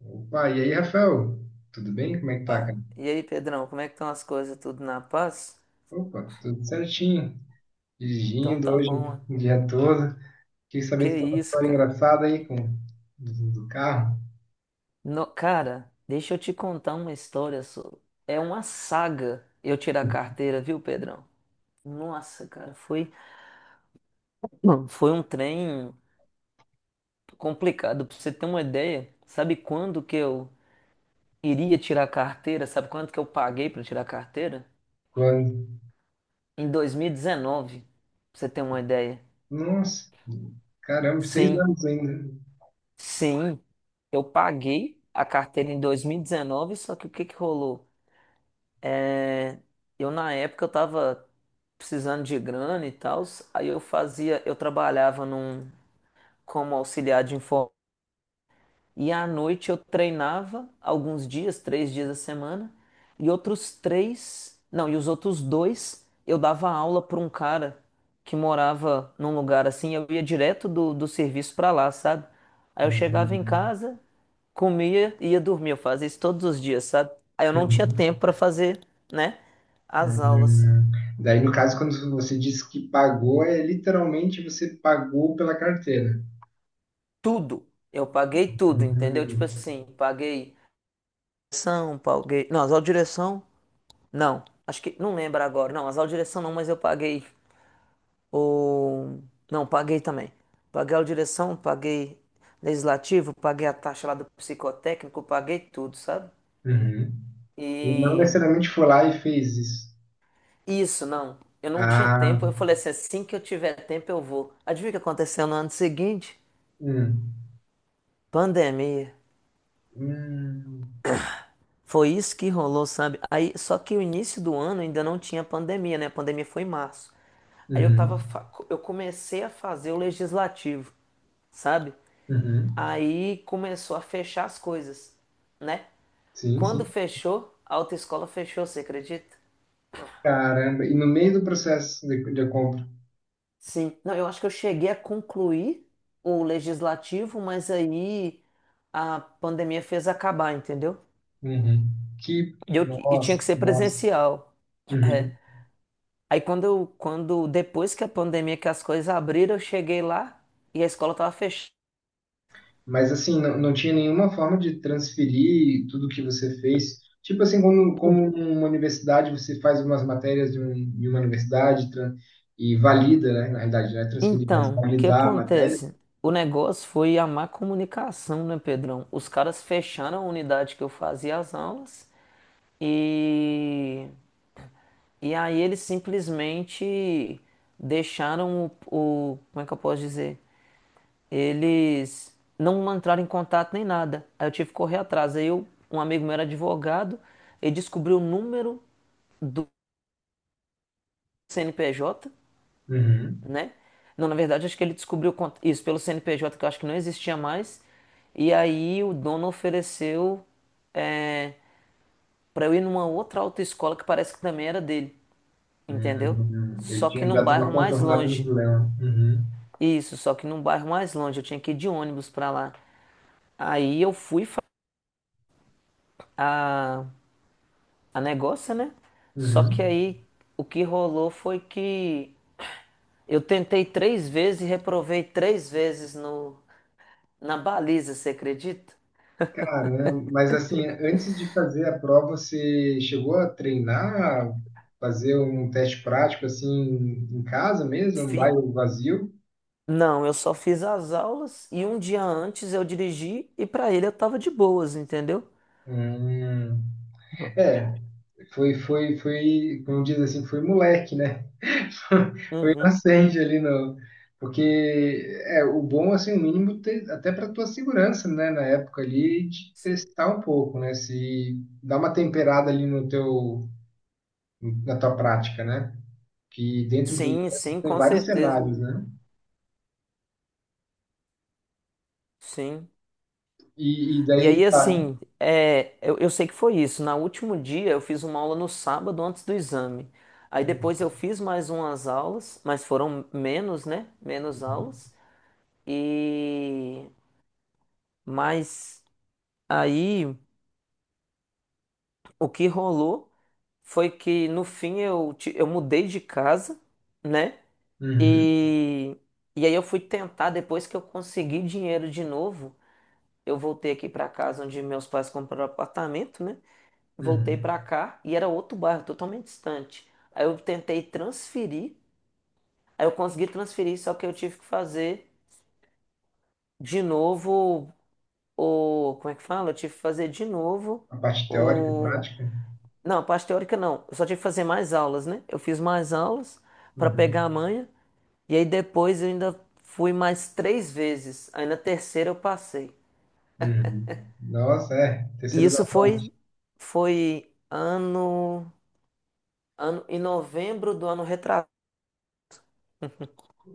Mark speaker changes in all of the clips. Speaker 1: Opa, e aí, Rafael? Tudo bem? Como é que tá, cara?
Speaker 2: Opa. E aí, Pedrão, como é que estão as coisas? Tudo na paz?
Speaker 1: Opa, tudo certinho.
Speaker 2: Então
Speaker 1: Dirigindo
Speaker 2: tá
Speaker 1: hoje
Speaker 2: bom, ó.
Speaker 1: o dia todo. Queria saber
Speaker 2: Que
Speaker 1: se tem uma
Speaker 2: isso,
Speaker 1: história
Speaker 2: cara.
Speaker 1: engraçada aí com do carro.
Speaker 2: No, cara, deixa eu te contar uma história, só. É uma saga eu tirar a carteira, viu, Pedrão? Nossa, cara, foi, não, foi um trem complicado. Pra você ter uma ideia, sabe quando que eu iria tirar a carteira? Sabe quanto que eu paguei pra tirar a carteira?
Speaker 1: Quando?
Speaker 2: Em 2019, pra você ter uma ideia.
Speaker 1: Nossa, caramba, seis
Speaker 2: Sim.
Speaker 1: anos ainda.
Speaker 2: Sim, eu paguei a carteira em 2019, só que o que que rolou? É, eu na época eu tava precisando de grana e tal. Aí eu trabalhava num como auxiliar de informática e à noite eu treinava alguns dias, 3 dias a semana, e outros três, não, e os outros dois eu dava aula para um cara que morava num lugar assim. Eu ia direto do serviço para lá, sabe? Aí eu chegava em
Speaker 1: Uhum,
Speaker 2: casa, comia e ia dormir. Eu fazia isso todos os dias, sabe? Aí eu não tinha
Speaker 1: uhum,
Speaker 2: tempo pra fazer, né? As aulas.
Speaker 1: uhum. Daí, no caso, quando você disse que pagou, é literalmente você pagou pela carteira.
Speaker 2: Tudo. Eu paguei tudo, entendeu? Tipo
Speaker 1: Uhum,
Speaker 2: assim, paguei direção, paguei. Não, as aulas de direção, não. Acho que. Não lembro agora. Não, as aulas de direção não, mas eu paguei. O. Não, paguei também. Paguei a aula de direção, paguei legislativo, paguei a taxa lá do psicotécnico, paguei tudo, sabe?
Speaker 1: uhum. E não
Speaker 2: E.
Speaker 1: necessariamente foi lá e fez isso.
Speaker 2: Isso, não. Eu não tinha
Speaker 1: Ah,
Speaker 2: tempo. Eu falei assim, assim que eu tiver tempo eu vou. Adivinha o que aconteceu no ano seguinte?
Speaker 1: hum.
Speaker 2: Pandemia.
Speaker 1: Hum,
Speaker 2: Foi isso que rolou, sabe? Aí, só que o início do ano ainda não tinha pandemia, né? A pandemia foi em março. Aí eu tava,
Speaker 1: uhum,
Speaker 2: fa- eu comecei a fazer o legislativo, sabe?
Speaker 1: uhum.
Speaker 2: Aí começou a fechar as coisas, né?
Speaker 1: Sim,
Speaker 2: Quando
Speaker 1: sim.
Speaker 2: fechou, a autoescola fechou, você acredita?
Speaker 1: Caramba, e no meio do processo de compra.
Speaker 2: Sim, não, eu acho que eu cheguei a concluir o legislativo, mas aí a pandemia fez acabar, entendeu?
Speaker 1: Uhum. Que,
Speaker 2: E, eu, e tinha que
Speaker 1: nossa,
Speaker 2: ser
Speaker 1: nossa.
Speaker 2: presencial. É.
Speaker 1: Uhum.
Speaker 2: Aí quando eu, quando depois que a pandemia, que as coisas abriram, eu cheguei lá e a escola estava fechada.
Speaker 1: Mas assim, não, não tinha nenhuma forma de transferir tudo que você fez. Tipo assim, como, como uma universidade, você faz umas matérias de uma universidade e valida, né? Na realidade, não é transferir, mas
Speaker 2: Então, o que
Speaker 1: validar a matéria.
Speaker 2: acontece? O negócio foi a má comunicação, né, Pedrão? Os caras fecharam a unidade que eu fazia as aulas. e E aí eles simplesmente deixaram o- como é que eu posso dizer? Eles não entraram em contato nem nada. Aí eu tive que correr atrás. Aí eu, um amigo meu era advogado, ele descobriu o número do CNPJ,
Speaker 1: Uhum.
Speaker 2: né? Não, na verdade, acho que ele descobriu con- isso pelo CNPJ, que eu acho que não existia mais. E aí o dono ofereceu, é, para eu ir numa outra autoescola que parece que também era dele, entendeu?
Speaker 1: Uhum. Ele
Speaker 2: Só que
Speaker 1: tinha
Speaker 2: num
Speaker 1: dado
Speaker 2: bairro
Speaker 1: uma
Speaker 2: mais
Speaker 1: contornada no
Speaker 2: longe.
Speaker 1: problema. Uhum.
Speaker 2: Isso, só que num bairro mais longe, eu tinha que ir de ônibus pra lá. Aí eu fui fa- a, a negócio, né? Só que
Speaker 1: Uhum.
Speaker 2: aí o que rolou foi que eu tentei três vezes e reprovei três vezes no, na baliza, você acredita?
Speaker 1: Caramba, mas assim, antes de fazer a prova, você chegou a treinar, fazer um teste prático assim em casa mesmo, um
Speaker 2: Fi-
Speaker 1: bairro vazio?
Speaker 2: não, eu só fiz as aulas e um dia antes eu dirigi e pra ele eu tava de boas, entendeu?
Speaker 1: Hum, é, foi, como diz assim, foi moleque, né?
Speaker 2: Uhum.
Speaker 1: Acende ali no. Porque é o bom, assim, o mínimo, até para tua segurança, né? Na época ali, de testar um pouco, né? Se dá uma temperada ali no na tua prática, né? que dentro do
Speaker 2: Sim, sim,
Speaker 1: tem
Speaker 2: com
Speaker 1: vários
Speaker 2: certeza.
Speaker 1: cenários, né?
Speaker 2: Sim.
Speaker 1: E
Speaker 2: E
Speaker 1: daí
Speaker 2: aí,
Speaker 1: tá.
Speaker 2: assim, é, eu sei que foi isso. Na último dia, eu fiz uma aula no sábado antes do exame. Aí
Speaker 1: Uhum,
Speaker 2: depois eu fiz mais umas aulas, mas foram menos, né? Menos aulas. E. Mas aí, o que rolou foi que no fim eu, ti- eu mudei de casa, né?
Speaker 1: uhum,
Speaker 2: E. E aí eu fui tentar, depois que eu consegui dinheiro de novo, eu voltei aqui para casa onde meus pais compraram apartamento, né? Voltei
Speaker 1: uhum.
Speaker 2: pra cá e era outro bairro, totalmente distante. Aí eu tentei transferir, aí eu consegui transferir, só que eu tive que fazer de novo o, como é que fala? Eu tive que fazer de novo
Speaker 1: A parte teórica e
Speaker 2: o,
Speaker 1: prática.
Speaker 2: não, a parte teórica não, eu só tive que fazer mais aulas, né? Eu fiz mais aulas pra pegar
Speaker 1: Uhum,
Speaker 2: a manha e aí depois eu ainda fui mais três vezes, aí na terceira eu passei.
Speaker 1: uhum. Nossa, é,
Speaker 2: E
Speaker 1: terceiro da
Speaker 2: isso
Speaker 1: sorte.
Speaker 2: foi foi ano ano em novembro do ano retrasado.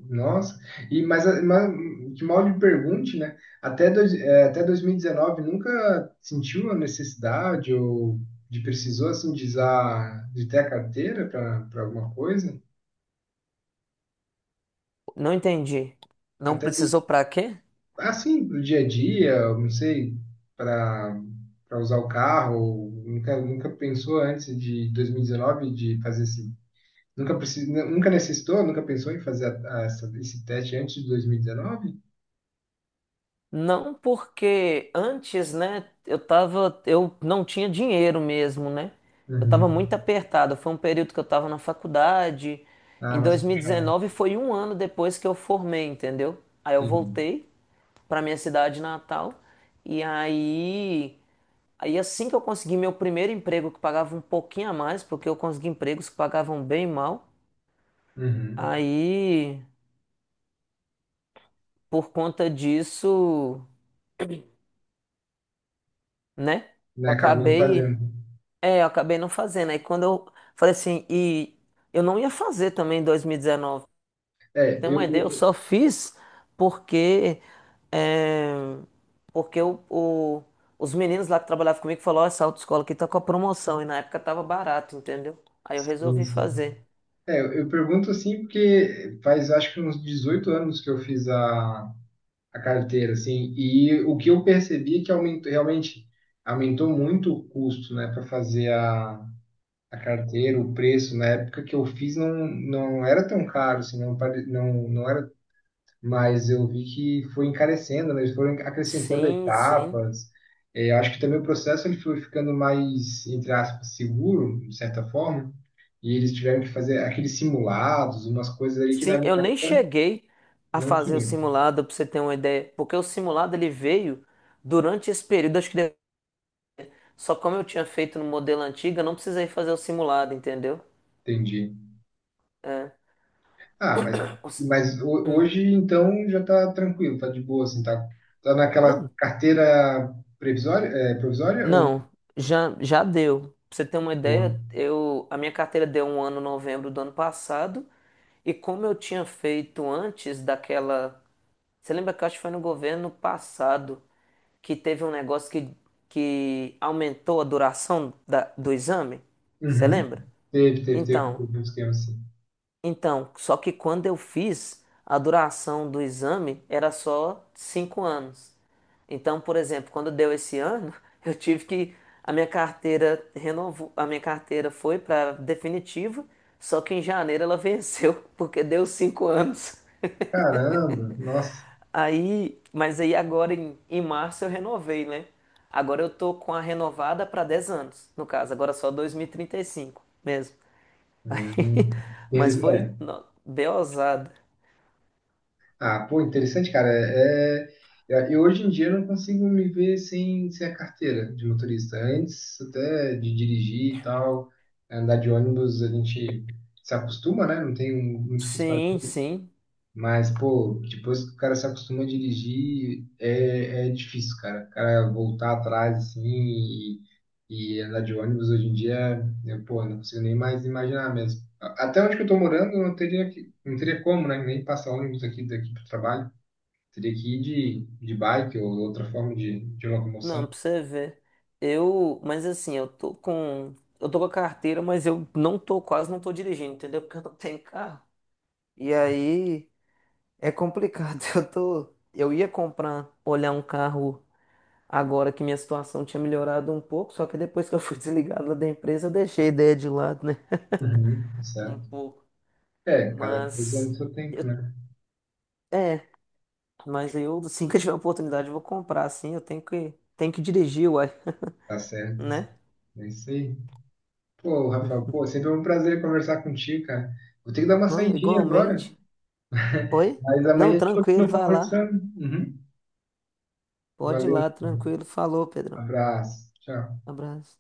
Speaker 1: Nossa. E, mas, mas que mal lhe pergunte, né? Até 2019 nunca sentiu a necessidade ou de precisou assim de, usar, de ter a carteira para alguma coisa?
Speaker 2: Não entendi. Não
Speaker 1: Até
Speaker 2: precisou pra quê?
Speaker 1: assim, pro dia a dia, não sei, para para usar o carro, nunca, nunca pensou antes de 2019 de fazer esse. Nunca necessitou, nunca pensou em fazer esse teste antes de 2019?
Speaker 2: Não, porque antes, né, eu tava, eu não tinha dinheiro mesmo, né? Eu tava muito
Speaker 1: Uhum.
Speaker 2: apertado. Foi um período que eu tava na faculdade.
Speaker 1: Ah,
Speaker 2: Em
Speaker 1: mas puxado,
Speaker 2: 2019 foi um ano depois que eu formei, entendeu? Aí eu
Speaker 1: entendi.
Speaker 2: voltei pra minha cidade natal e aí, aí assim que eu consegui meu primeiro emprego que pagava um pouquinho a mais, porque eu consegui empregos que pagavam bem mal.
Speaker 1: Uhum.
Speaker 2: Aí, por conta disso, né?
Speaker 1: Né,
Speaker 2: Eu
Speaker 1: acabou não
Speaker 2: acabei,
Speaker 1: fazendo.
Speaker 2: é, eu acabei não fazendo. Aí quando eu falei assim, e eu não ia fazer também em 2019.
Speaker 1: É,
Speaker 2: Tem uma
Speaker 1: eu,
Speaker 2: ideia, eu
Speaker 1: eu-
Speaker 2: só fiz porque, é, porque o- os meninos lá que trabalhavam comigo falaram, ó, essa autoescola aqui tá com a promoção e na época tava barato, entendeu? Aí eu
Speaker 1: sim,
Speaker 2: resolvi
Speaker 1: sim.
Speaker 2: fazer.
Speaker 1: É, eu pergunto assim porque faz acho que uns 18 anos que eu fiz a carteira, assim. E o que eu percebi é que aumentou, realmente aumentou muito o custo, né, para fazer a carteira, o preço. Na época que eu fiz não, não era tão caro, assim, não, não, não era, mas eu vi que foi encarecendo, né, eles foram acrescentando
Speaker 2: Sim, sim.
Speaker 1: etapas. Eh, acho que também o processo ele foi ficando mais, entre aspas, seguro, de certa forma. E eles tiveram que fazer aqueles simulados, umas coisas ali que na
Speaker 2: Sim,
Speaker 1: minha
Speaker 2: eu nem
Speaker 1: época
Speaker 2: cheguei a
Speaker 1: não
Speaker 2: fazer o
Speaker 1: tinha.
Speaker 2: simulado, pra você ter uma ideia, porque o simulado ele veio durante esse período, acho que. Só como eu tinha feito no modelo antigo, eu não precisei fazer o simulado, entendeu?
Speaker 1: Entendi.
Speaker 2: É.
Speaker 1: Ah, mas,
Speaker 2: Os-
Speaker 1: mas
Speaker 2: hum,
Speaker 1: hoje então já tá tranquilo, tá de boa, assim, tá, tá naquela
Speaker 2: não,
Speaker 1: carteira previsória, é, provisória ou
Speaker 2: não,
Speaker 1: não?
Speaker 2: já, já deu. Pra você ter uma
Speaker 1: Boa.
Speaker 2: ideia, eu, a minha carteira deu um ano em novembro do ano passado, e como eu tinha feito antes daquela. Você lembra que eu acho que foi no governo passado que teve um negócio que aumentou a duração da, do exame? Você
Speaker 1: Uhum.
Speaker 2: lembra?
Speaker 1: Teve, teve,
Speaker 2: Então.
Speaker 1: teve um esquema assim.
Speaker 2: Então, só que quando eu fiz, a duração do exame era só 5 anos. Então, por exemplo, quando deu esse ano, eu tive que a minha carteira renovou, a minha carteira foi para definitiva, só que em janeiro ela venceu porque deu 5 anos.
Speaker 1: Caramba, nossa.
Speaker 2: Aí, mas aí agora em março eu renovei, né? Agora eu tô com a renovada para 10 anos, no caso, agora só dois mil e trinta e cinco, mesmo. Aí,
Speaker 1: Hum.
Speaker 2: mas foi
Speaker 1: Interessante.
Speaker 2: no- bem ousado.
Speaker 1: Ah, pô, interessante, cara. É, é, eu hoje em dia não consigo me ver sem a carteira de motorista. Antes até de dirigir e tal, andar de ônibus, a gente se acostuma, né? Não tem muito o que
Speaker 2: Sim,
Speaker 1: fazer.
Speaker 2: sim.
Speaker 1: Mas, pô, depois que o cara se acostuma a dirigir, é, é difícil, cara. O cara voltar atrás, assim, e andar de ônibus hoje em dia, eu, pô, não consigo nem mais imaginar mesmo. A- Até onde que eu tô morando, eu não teria, não teria como, né? Nem passar ônibus aqui daqui pro trabalho. Teria que ir de bike ou outra forma de locomoção.
Speaker 2: Não, pra você ver. Eu, mas assim, eu tô com a carteira, mas eu não tô, quase não tô dirigindo, entendeu? Porque eu não tenho carro. E aí é complicado. Eu tô, eu ia comprar, olhar um carro agora que minha situação tinha melhorado um pouco, só que depois que eu fui desligado lá da empresa, eu deixei a ideia de lado, né?
Speaker 1: Uhum. Tá
Speaker 2: Um
Speaker 1: certo.
Speaker 2: pouco.
Speaker 1: É, cada coisa é no
Speaker 2: Mas
Speaker 1: seu
Speaker 2: eu,
Speaker 1: tempo, né?
Speaker 2: é, mas eu, assim que eu tiver a oportunidade, eu vou comprar, assim, eu tenho que dirigir, uai,
Speaker 1: Tá certo. Assim.
Speaker 2: né?
Speaker 1: É isso aí. Pô, Rafael, pô, sempre é um prazer conversar contigo, cara. Vou ter que dar uma
Speaker 2: Não,
Speaker 1: saidinha agora,
Speaker 2: igualmente. Oi?
Speaker 1: mas amanhã a
Speaker 2: Não,
Speaker 1: gente continua
Speaker 2: tranquilo, vai lá.
Speaker 1: conversando. Uhum.
Speaker 2: Pode ir
Speaker 1: Valeu,
Speaker 2: lá, tranquilo. Falou, Pedrão.
Speaker 1: abraço, tchau.
Speaker 2: Abraço.